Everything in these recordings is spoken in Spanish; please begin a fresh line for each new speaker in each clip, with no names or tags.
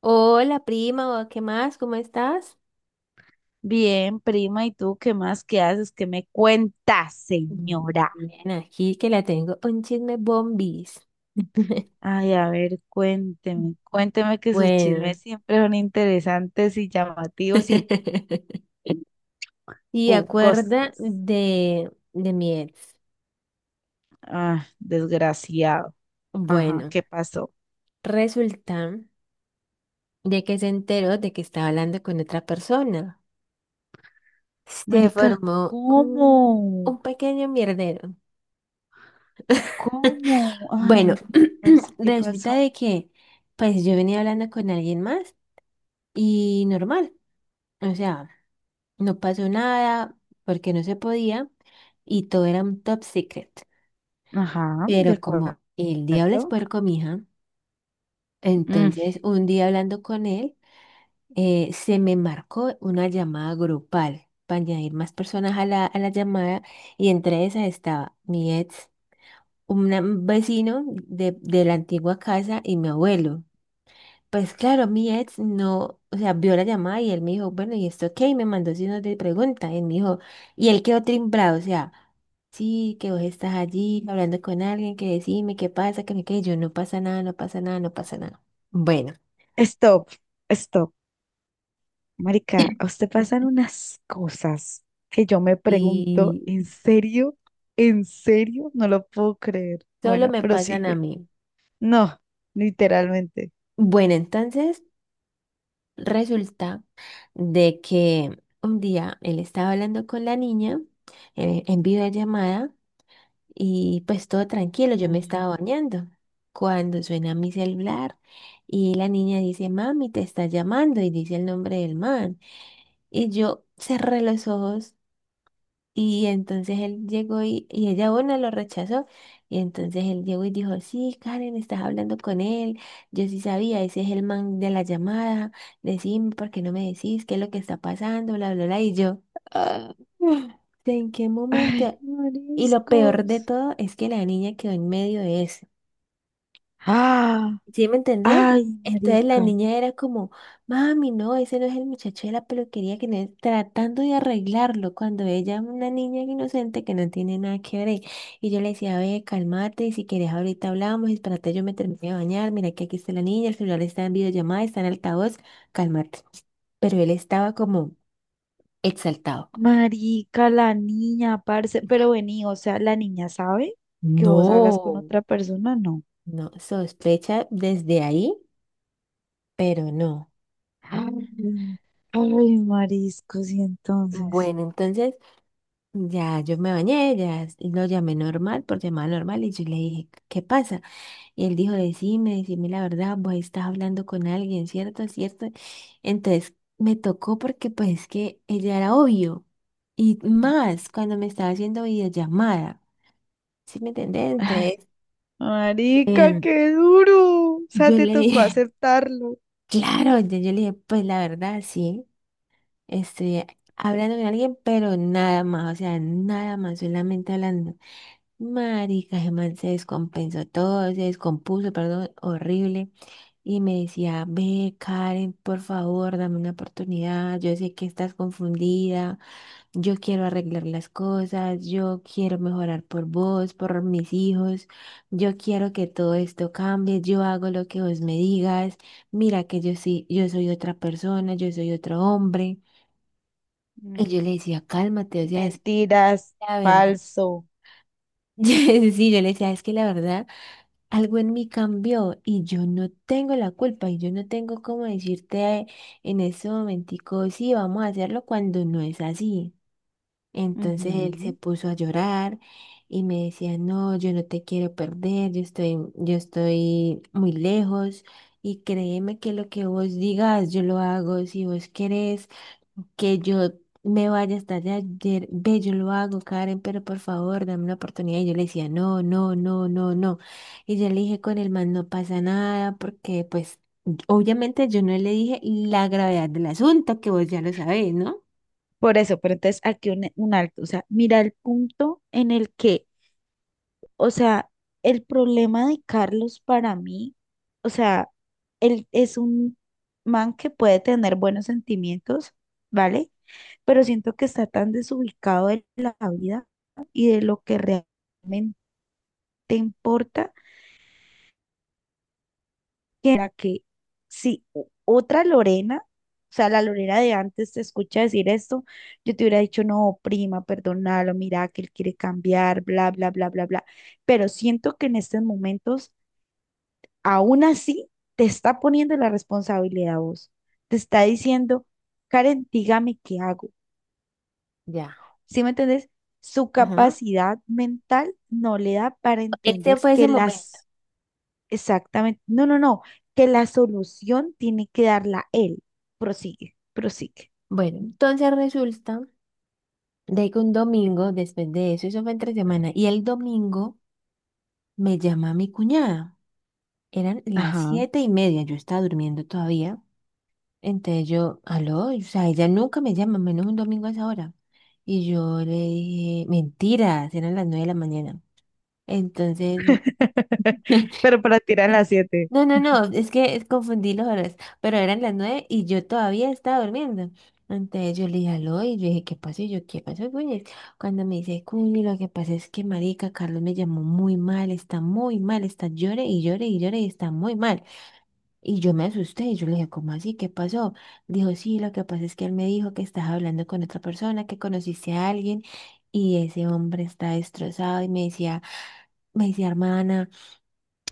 Hola prima, ¿qué más? ¿Cómo estás?
Bien, prima, ¿y tú qué más? ¿Qué haces? ¿Qué me cuentas,
Mm,
señora?
Bien, aquí que la tengo un chisme bombis.
Ay, a ver, cuénteme, cuénteme que sus chismes
Bueno,
siempre son interesantes y llamativos y
y acuerda
jugosos.
de mi ex.
Ah, desgraciado. Ajá,
Bueno,
¿qué pasó?
resulta de que se enteró de que estaba hablando con otra persona. Se
Marica,
formó un,
¿cómo?
un pequeño mierdero.
¿Cómo?
Bueno,
Ay, no, parce, ¿qué
resulta
pasó?
de que pues yo venía hablando con alguien más. Y normal, o sea, no pasó nada porque no se podía y todo era un top secret.
Ajá, de
Pero
acuerdo.
como el diablo es puerco, mija,
Mm.
entonces un día hablando con él, se me marcó una llamada grupal para añadir más personas a la llamada, y entre esas estaba mi ex, un vecino de la antigua casa y mi abuelo. Pues claro, mi ex no, o sea, vio la llamada y él me dijo, bueno, ¿y esto qué? Y me mandó signos de pregunta. Y él me dijo, y él quedó timbrado, o sea, sí, que vos estás allí hablando con alguien, que decime qué pasa, que no, que yo no pasa nada, no pasa nada, no pasa nada. Bueno,
Stop, stop. Marica, a usted pasan unas cosas que yo me pregunto,
y
¿en serio? ¿En serio? No lo puedo creer.
solo
Bueno,
me pasan a
prosigue.
mí.
No, literalmente.
Bueno, entonces resulta de que un día él estaba hablando con la niña, en videollamada. Y pues todo tranquilo, yo me
Ujú.
estaba bañando cuando suena mi celular y la niña dice, mami, te está llamando, y dice el nombre del man. Y yo cerré los ojos y entonces él llegó y ella, bueno, lo rechazó. Y entonces él llegó y dijo, sí, Karen, estás hablando con él. Yo sí sabía, ese es el man de la llamada. Decime, ¿por qué no me decís qué es lo que está pasando? Bla, bla, bla. Y yo, "Ah, ¿en qué
Ay,
momento?" Y lo peor
mariscos.
de todo es que la niña quedó en medio de eso.
Ah,
¿Sí me entendés?
ay,
Entonces la
marica.
niña era como, mami, no, ese no es el muchacho de la peluquería, que no es tratando de arreglarlo cuando ella es una niña inocente que no tiene nada que ver. Y yo le decía, ve, cálmate, y si quieres ahorita hablamos, espérate, yo me terminé de bañar, mira que aquí está la niña, el celular está en videollamada, está en altavoz, cálmate. Pero él estaba como exaltado.
Marica, la niña, parce. Pero vení, o sea, la niña sabe que vos hablas con
No,
otra persona, no.
no, sospecha desde ahí, pero no.
Ay, ay, mariscos, y entonces.
Bueno, entonces… Ya, yo me bañé, lo llamé normal, por llamada normal, y yo le dije, ¿qué pasa? Y él dijo, decime la verdad, vos estás hablando con alguien, ¿cierto? ¿Cierto? Entonces me tocó, porque pues es que ella era obvio, y más cuando me estaba haciendo videollamada, ¿sí me entendés?
Ay,
Entonces
marica,
em,
qué duro. O sea,
yo
te
le
tocó
dije,
aceptarlo.
claro, yo le dije, pues la verdad, sí, estoy hablando con alguien, pero nada más, o sea, nada más, solamente hablando. Marica, ese man se descompensó todo, se descompuso, perdón, horrible. Y me decía, ve, Karen, por favor, dame una oportunidad. Yo sé que estás confundida. Yo quiero arreglar las cosas. Yo quiero mejorar por vos, por mis hijos. Yo quiero que todo esto cambie. Yo hago lo que vos me digas. Mira que yo sí, yo soy otra persona, yo soy otro hombre.
Mm.
Y yo le decía, cálmate, o sea, es que
Mentiras,
la verdad.
falso.
Sí, yo le decía, es que la verdad, algo en mí cambió y yo no tengo la culpa y yo no tengo cómo decirte en ese momentico, sí, vamos a hacerlo cuando no es así. Entonces él se
Ujú.
puso a llorar y me decía, no, yo no te quiero perder, yo estoy muy lejos, y créeme que lo que vos digas yo lo hago, si vos querés que yo me vaya hasta allá, ayer, ve, yo lo hago, Karen, pero por favor, dame una oportunidad. Y yo le decía, no, no, no, no, no. Y yo le dije, con el man no pasa nada, porque pues obviamente yo no le dije la gravedad del asunto, que vos ya lo sabés, ¿no?
Por eso, pero entonces aquí un alto. O sea, mira el punto en el que, o sea, el problema de Carlos para mí, o sea, él es un man que puede tener buenos sentimientos, ¿vale? Pero siento que está tan desubicado de la vida y de lo que realmente importa, que era que si otra Lorena, o sea, la Lorena de antes te escucha decir esto, yo te hubiera dicho, no, prima, perdónalo, mira que él quiere cambiar, bla, bla, bla, bla, bla. Pero siento que en estos momentos, aún así, te está poniendo la responsabilidad a vos. Te está diciendo, Karen, dígame qué hago.
Ya.
¿Sí me entendés? Su
Ajá.
capacidad mental no le da para
Este
entender
fue ese
que
momento.
las... Exactamente. No, no, no. Que la solución tiene que darla él. Prosigue, prosigue.
Bueno, entonces resulta de que un domingo, después de eso, eso fue entre semana, y el domingo me llama mi cuñada. Eran las
Ajá.
7:30, yo estaba durmiendo todavía. Entonces yo, aló, o sea, ella nunca me llama, menos un domingo a esa hora. Y yo le dije, mentiras, eran las 9 de la mañana. Entonces,
Pero para tirar
sí,
las
sí.
siete.
No, no, no, es que confundí las horas, pero eran las 9 y yo todavía estaba durmiendo. Entonces yo le dije, aló, y yo dije, ¿qué pasó? Y yo, ¿qué pasó, Cuñes? Cuando me dice, Cuñi, lo que pasa es que marica, Carlos me llamó muy mal, está llore y llore y llore y está muy mal. Y yo me asusté y yo le dije, ¿cómo así? ¿Qué pasó? Dijo, sí, lo que pasa es que él me dijo que estás hablando con otra persona, que conociste a alguien, y ese hombre está destrozado y me decía, hermana.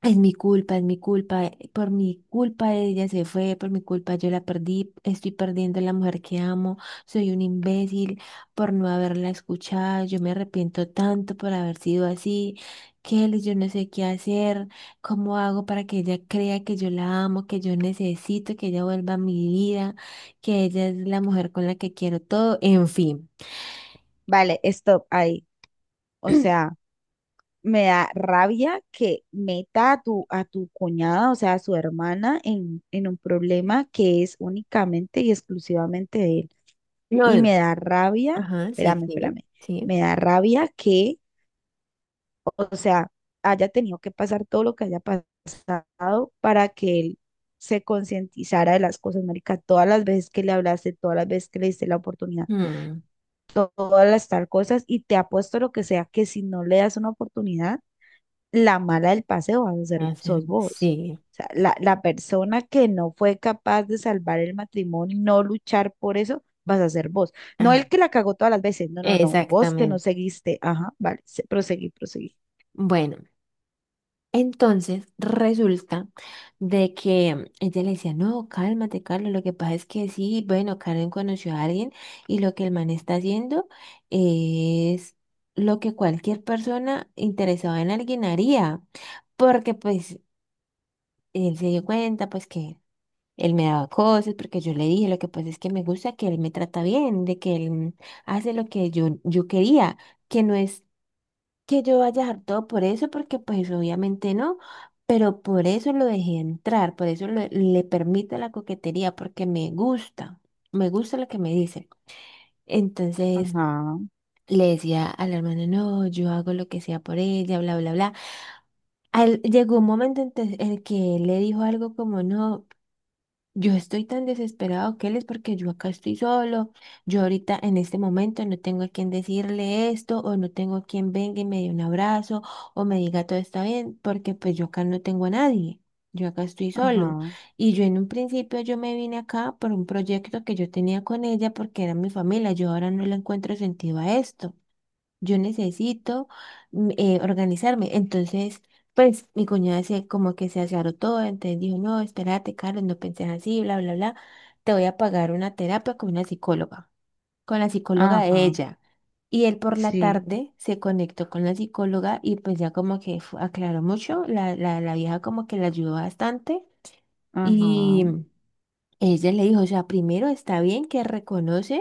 Es mi culpa, por mi culpa ella se fue, por mi culpa yo la perdí, estoy perdiendo a la mujer que amo, soy un imbécil por no haberla escuchado, yo me arrepiento tanto por haber sido así, Kelly, yo no sé qué hacer, cómo hago para que ella crea que yo la amo, que yo necesito que ella vuelva a mi vida, que ella es la mujer con la que quiero todo, en fin.
Vale, stop ahí. O sea, me da rabia que meta a tu cuñada, o sea, a su hermana, en un problema que es únicamente y exclusivamente de él. Y
No,
me da rabia,
ajá, sí,
espérame,
sí,
espérame,
sí.
me da rabia que, o sea, haya tenido que pasar todo lo que haya pasado para que él se concientizara de las cosas, marica. Todas las veces que le hablaste, todas las veces que le diste la oportunidad,
Mm,
todas las tal cosas, y te apuesto lo que sea que si no le das una oportunidad, la mala del paseo vas a ser, sos vos.
sí.
O sea, la persona que no fue capaz de salvar el matrimonio, no luchar por eso, vas a ser vos. No
Ah,
el que la cagó todas las veces, no, no, no, vos que no
exactamente.
seguiste. Ajá, vale, proseguí, proseguí.
Bueno, entonces resulta de que ella le decía, no, cálmate, Carlos, lo que pasa es que sí, bueno, Karen conoció a alguien, y lo que el man está haciendo es lo que cualquier persona interesada en alguien haría, porque pues él se dio cuenta, pues que él me daba cosas, porque yo le dije, lo que pasa es que me gusta que él me trata bien, de que él hace lo que yo quería, que no es que yo vaya hartado por eso, porque pues obviamente no, pero por eso lo dejé entrar, por eso le permito la coquetería, porque me gusta lo que me dice. Entonces
Ajá.
le decía a la hermana, no, yo hago lo que sea por ella, bla, bla, bla. Llegó un momento en el que él le dijo algo como, no, yo estoy tan desesperado, Keles, porque yo acá estoy solo. Yo ahorita en este momento no tengo a quien decirle esto, o no tengo a quien venga y me dé un abrazo, o me diga todo está bien, porque pues yo acá no tengo a nadie. Yo acá estoy solo.
Ajá,
Y yo en un principio yo me vine acá por un proyecto que yo tenía con ella porque era mi familia. Yo ahora no le encuentro sentido a esto, yo necesito organizarme. Entonces, pues mi cuñada se como que se aclaró todo, entonces dijo, no, espérate, Carlos, no penses así, bla, bla, bla. Te voy a pagar una terapia con una psicóloga, con la psicóloga de
ajá,
ella. Y él por la
sí,
tarde se conectó con la psicóloga y pues ya como que aclaró mucho, la vieja como que la ayudó bastante,
ajá,
y ella le dijo, o sea, primero está bien que reconoces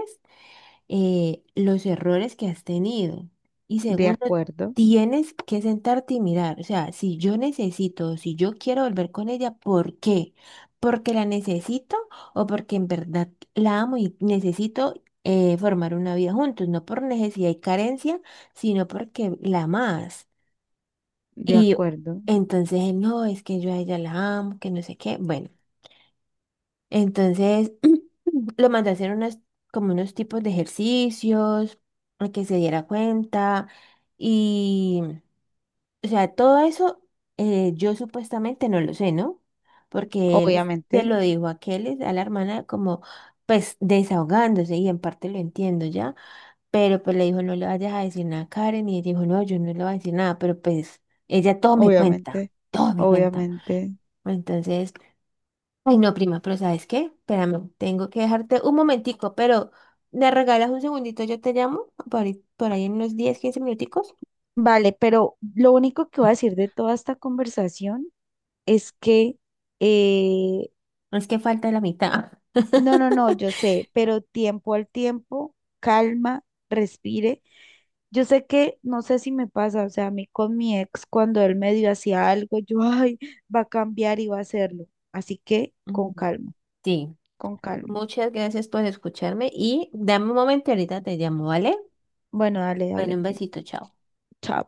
los errores que has tenido. Y
de
segundo,
acuerdo,
tienes que sentarte y mirar. O sea, si yo necesito, si yo quiero volver con ella, ¿por qué? ¿Porque la necesito o porque en verdad la amo y necesito formar una vida juntos? No por necesidad y carencia, sino porque la amas.
de
Y
acuerdo,
entonces, no, es que yo a ella la amo, que no sé qué. Bueno. Entonces, lo mandé a hacer unas, como unos tipos de ejercicios, a que se diera cuenta. Y, o sea, todo eso, yo supuestamente no lo sé, ¿no? Porque él se
obviamente,
lo dijo a Keles, a la hermana, como pues desahogándose, y en parte lo entiendo ya. Pero pues le dijo, no le vayas a decir nada a Karen. Y ella dijo, no, yo no le voy a decir nada, pero pues ella todo me cuenta,
obviamente,
todo me cuenta.
obviamente.
Entonces… Ay, no, prima, pero ¿sabes qué? Espérame, tengo que dejarte un momentico, pero ¿me regalas un segundito? Yo te llamo por ahí en unos 10, 15 minuticos.
Vale, pero lo único que voy a decir de toda esta conversación es que, eh,
No. Es que falta la mitad.
no, no, no, yo sé, pero tiempo al tiempo, calma, respire. Yo sé que, no sé si me pasa, o sea, a mí con mi ex, cuando él medio hacía algo, yo, ay, va a cambiar y va a hacerlo. Así que,
Mm,
con calma,
sí,
con calma.
muchas gracias por escucharme y dame un momento, y ahorita te llamo, ¿vale?
Bueno, dale,
Bueno,
dale.
un besito, chao.
Chao.